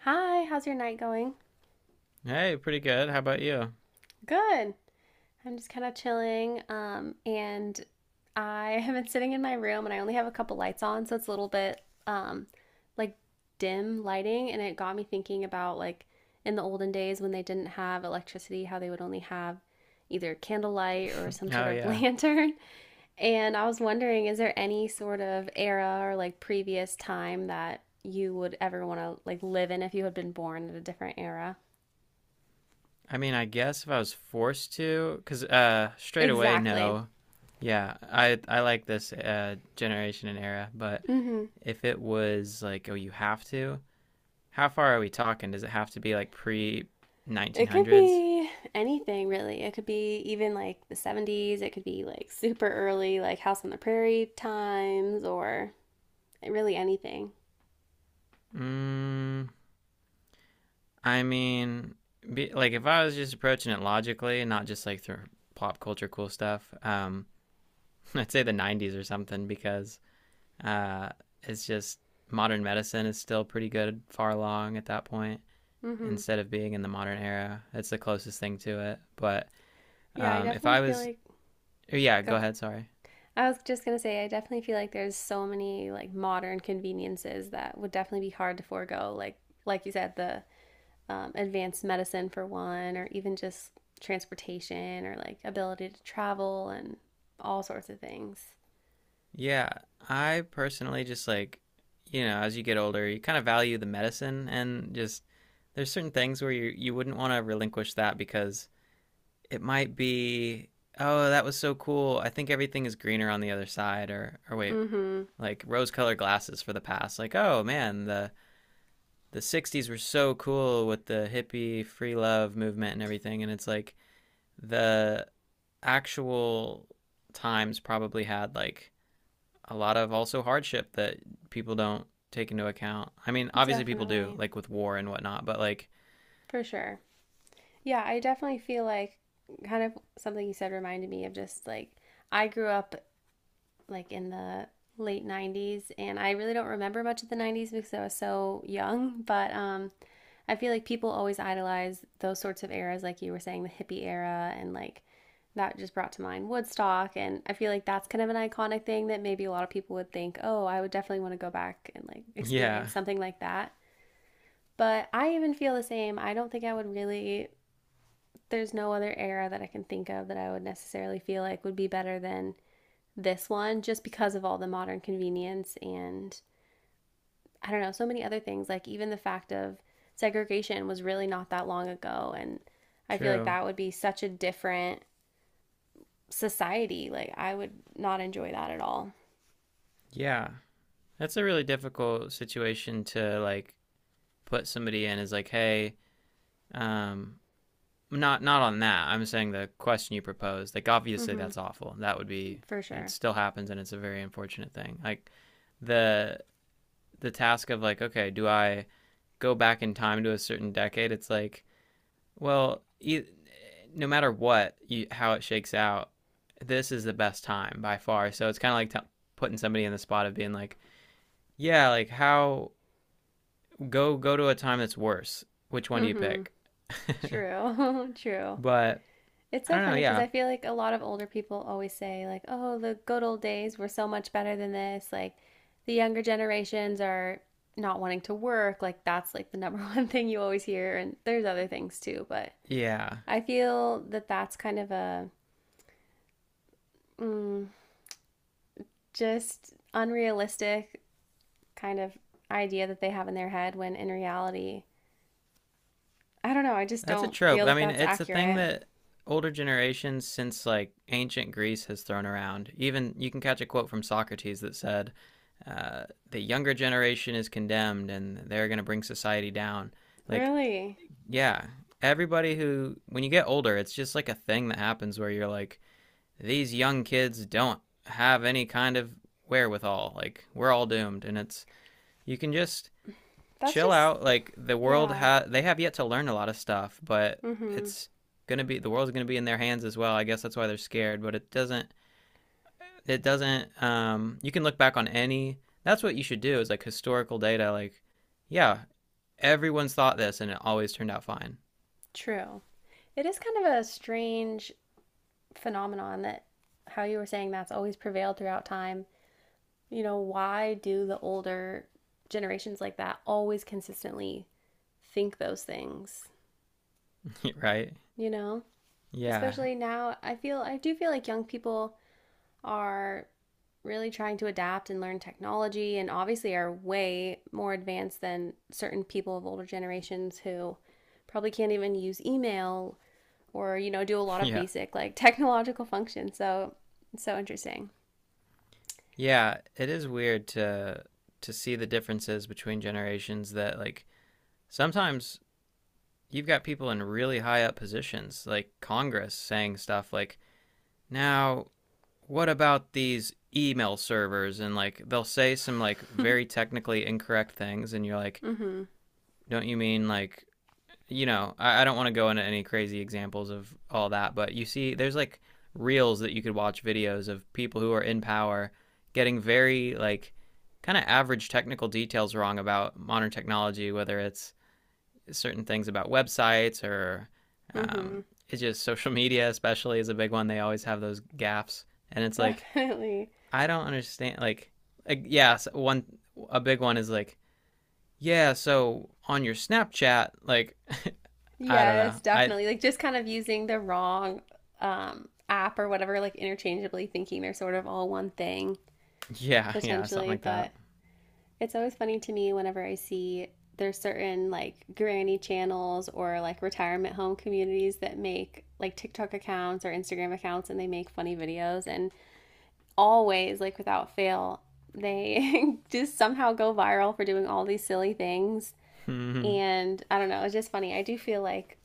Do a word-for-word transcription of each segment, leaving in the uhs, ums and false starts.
Hi, how's your night going? Hey, pretty good. How about you? Good. I'm just kind of chilling. Um, and I have been sitting in my room and I only have a couple lights on, so it's a little bit um like dim lighting, and it got me thinking about like in the olden days when they didn't have electricity, how they would only have either candlelight or some sort Oh of yeah. lantern. And I was wondering, is there any sort of era or like previous time that you would ever want to like live in if you had been born in a different era? I mean, I guess if I was forced to, 'cause uh straight away Exactly. no. Yeah, I I like this uh generation and era, but Hmm. if it was like, oh, you have to, how far are we talking? Does it have to be like pre It could nineteen hundreds? be anything really. It could be even like the seventies. It could be like super early, like House on the Prairie times or really anything. Mm, I mean, be, like if I was just approaching it logically, and not just like through pop culture cool stuff, um I'd say the nineties or something because Uh, it's just modern medicine is still pretty good, far along at that point, Hmm. instead of being in the modern era. It's the closest thing to it. But Yeah, I um, if definitely I feel was, like. oh, yeah, go Go. ahead. Sorry. I was just gonna say I definitely feel like there's so many like modern conveniences that would definitely be hard to forego. Like like you said, the um, advanced medicine for one, or even just transportation or like ability to travel and all sorts of things. Yeah, I personally just like, you know, as you get older, you kind of value the medicine and just there's certain things where you you wouldn't want to relinquish that because it might be oh, that was so cool. I think everything is greener on the other side, or or wait, Hmm. like rose colored glasses for the past, like oh man, the the sixties were so cool with the hippie free love movement and everything, and it's like the actual times probably had like a lot of also hardship that people don't take into account. I mean, obviously people do, Definitely. like with war and whatnot, but like For sure. Yeah, I definitely feel like kind of something you said reminded me of just like I grew up like in the late nineties and I really don't remember much of the nineties because I was so young, but um I feel like people always idolize those sorts of eras like you were saying the hippie era and like that just brought to mind Woodstock and I feel like that's kind of an iconic thing that maybe a lot of people would think, "Oh, I would definitely want to go back and like yeah, experience something like that." But I even feel the same. I don't think I would really. There's no other era that I can think of that I would necessarily feel like would be better than this one just because of all the modern convenience and I don't know, so many other things. Like even the fact of segregation was really not that long ago. And I feel like true, that would be such a different society. Like I would not enjoy that at all. yeah, that's a really difficult situation to like put somebody in, is like hey, um not not on that. I'm saying the question you proposed, like obviously Mm-hmm. that's awful. That would be For and it sure. still happens, and it's a very unfortunate thing. Like the the task of like, okay, do I go back in time to a certain decade? It's like, well, e- no matter what, you, how it shakes out, this is the best time by far. So it's kind of like t- putting somebody in the spot of being like, yeah, like how go go to a time that's worse. Which one do you Mm-hmm. pick? True. True. But It's I so don't know, funny because yeah. I feel like a lot of older people always say, like, oh, the good old days were so much better than this. Like, the younger generations are not wanting to work. Like, that's like the number one thing you always hear. And there's other things too. But Yeah. I feel that that's kind of a mm, just unrealistic kind of idea that they have in their head when in reality, I don't know. I just That's a don't trope. feel I that mean, that's it's a thing accurate. that older generations since like ancient Greece has thrown around. Even you can catch a quote from Socrates that said, uh, "The younger generation is condemned, and they're going to bring society down." Like, Really? yeah, everybody who when you get older, it's just like a thing that happens where you're like, these young kids don't have any kind of wherewithal. Like, we're all doomed, and it's you can just That's chill just, out. Like the world yeah. ha they have yet to learn a lot of stuff, but Mm hmm. it's gonna be the world's gonna be in their hands as well. I guess that's why they're scared. But it doesn't it doesn't um you can look back on any, that's what you should do, is like historical data, like yeah, everyone's thought this and it always turned out fine. True. It is kind of a strange phenomenon that how you were saying that's always prevailed throughout time. You know, why do the older generations like that always consistently think those things? Right, You know, yeah especially now, I feel I do feel like young people are really trying to adapt and learn technology and obviously are way more advanced than certain people of older generations who probably can't even use email or you know do a lot of yeah basic like technological functions so it's so interesting. yeah, it is weird to to see the differences between generations that like sometimes you've got people in really high up positions like congress saying stuff like now, what about these email servers, and like they'll say some like very technically incorrect things and you're like, Mm-hmm. don't you mean like, you know, I, I don't want to go into any crazy examples of all that, but you see, there's like reels that you could watch, videos of people who are in power getting very like kind of average technical details wrong about modern technology, whether it's certain things about websites or um, Mm-hmm. it's just social media, especially, is a big one. They always have those gaffes, and it's like Definitely. I don't understand. Like, like yeah, so one a big one is like yeah, so on your Snapchat, like I don't Yes, know, I definitely like just kind of using the wrong um app or whatever like interchangeably thinking they're sort of all one thing yeah, yeah something potentially, like that. but it's always funny to me whenever I see there's certain like granny channels or like retirement home communities that make like TikTok accounts or Instagram accounts and they make funny videos and always, like without fail, they just somehow go viral for doing all these silly things. And I don't know, it's just funny. I do feel like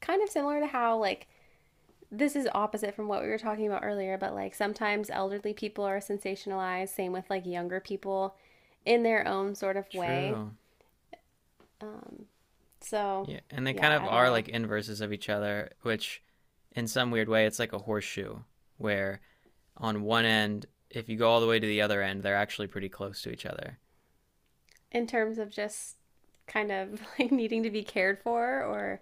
kind of similar to how, like, this is opposite from what we were talking about earlier, but like sometimes elderly people are sensationalized, same with like younger people in their own sort of way. True. Um, so, Yeah, and they yeah, kind of I don't are know. like inverses of each other, which in some weird way it's like a horseshoe where on one end, if you go all the way to the other end, they're actually pretty close to each other. In terms of just kind of like needing to be cared for, or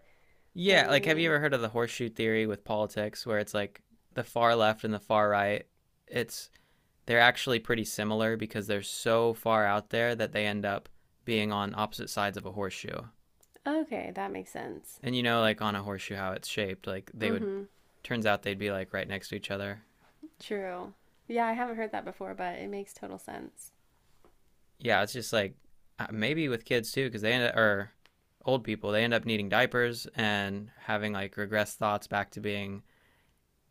what do Yeah, you like have you mean? ever heard of the horseshoe theory with politics where it's like the far left and the far right, it's they're actually pretty similar because they're so far out there that they end up being on opposite sides of a horseshoe. Okay, that makes sense. And you know like on a horseshoe how it's shaped, like they Mm would hmm. turns out they'd be like right next to each other. True. Yeah, I haven't heard that before, but it makes total sense. Yeah, it's just like uh, maybe with kids too, because they end up, or old people, they end up needing diapers and having like regressed thoughts back to being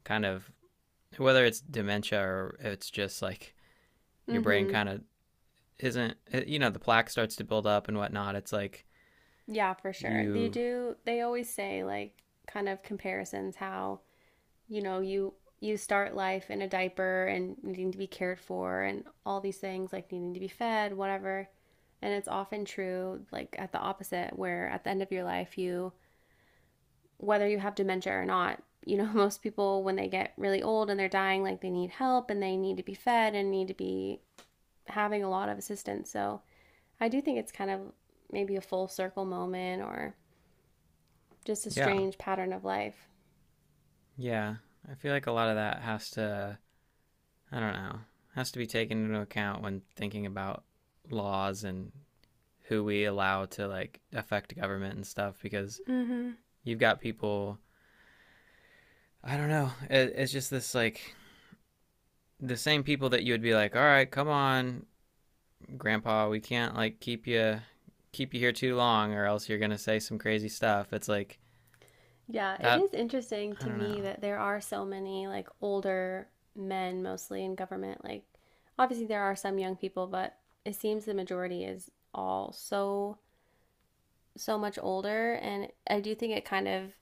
kind of whether it's dementia or it's just like your brain Mm-hmm. kind of isn't, uh, you know, the plaque starts to build up and whatnot. It's like Yeah, for sure. They you, do they always say like kind of comparisons how, you know, you you start life in a diaper and needing to be cared for and all these things like needing to be fed, whatever. And it's often true like at the opposite where at the end of your life you whether you have dementia or not, you know, most people when they get really old and they're dying like they need help and they need to be fed and need to be having a lot of assistance. So I do think it's kind of maybe a full circle moment or just a yeah, strange pattern of life. yeah. I feel like a lot of that has to, I don't know, has to be taken into account when thinking about laws and who we allow to like affect government and stuff because Mm-hmm. you've got people I don't know. It, it's just this like the same people that you would be like, all right, come on, Grandpa, we can't like keep you keep you here too long, or else you're gonna say some crazy stuff. It's like Yeah, it that. is interesting I to don't know. me that there are so many like older men mostly in government. Like, obviously, there are some young people, but it seems the majority is all so, so much older. And I do think it kind of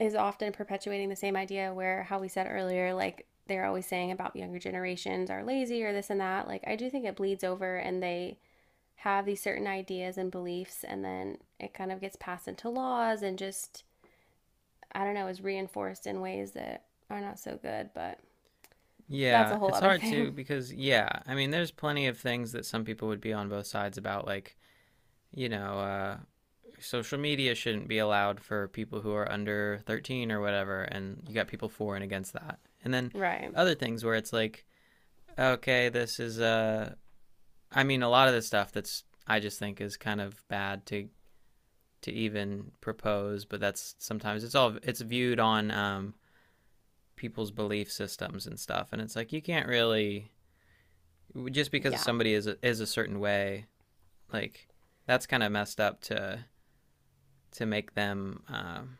is often perpetuating the same idea where how we said earlier, like, they're always saying about younger generations are lazy or this and that. Like, I do think it bleeds over and they have these certain ideas and beliefs, and then it kind of gets passed into laws and just, I don't know, is reinforced in ways that are not so good, but that's a Yeah, whole it's other hard to thing. because yeah, I mean, there's plenty of things that some people would be on both sides about, like you know, uh, social media shouldn't be allowed for people who are under thirteen or whatever, and you got people for and against that, and then Right. other things where it's like okay, this is uh I mean, a lot of the stuff that's I just think is kind of bad to to even propose, but that's sometimes it's all it's viewed on um, people's belief systems and stuff, and it's like you can't really just because Yeah. somebody is a, is a certain way, like that's kind of messed up to to make them, um,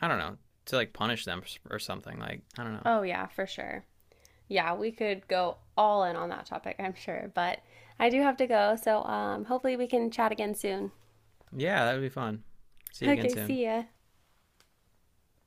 I don't know, to like punish them or something. Like I don't know. Oh, yeah, for sure. Yeah, we could go all in on that topic, I'm sure, but I do have to go, so um, hopefully we can chat again soon. Yeah, that would be fun. See you again Okay, soon. see ya.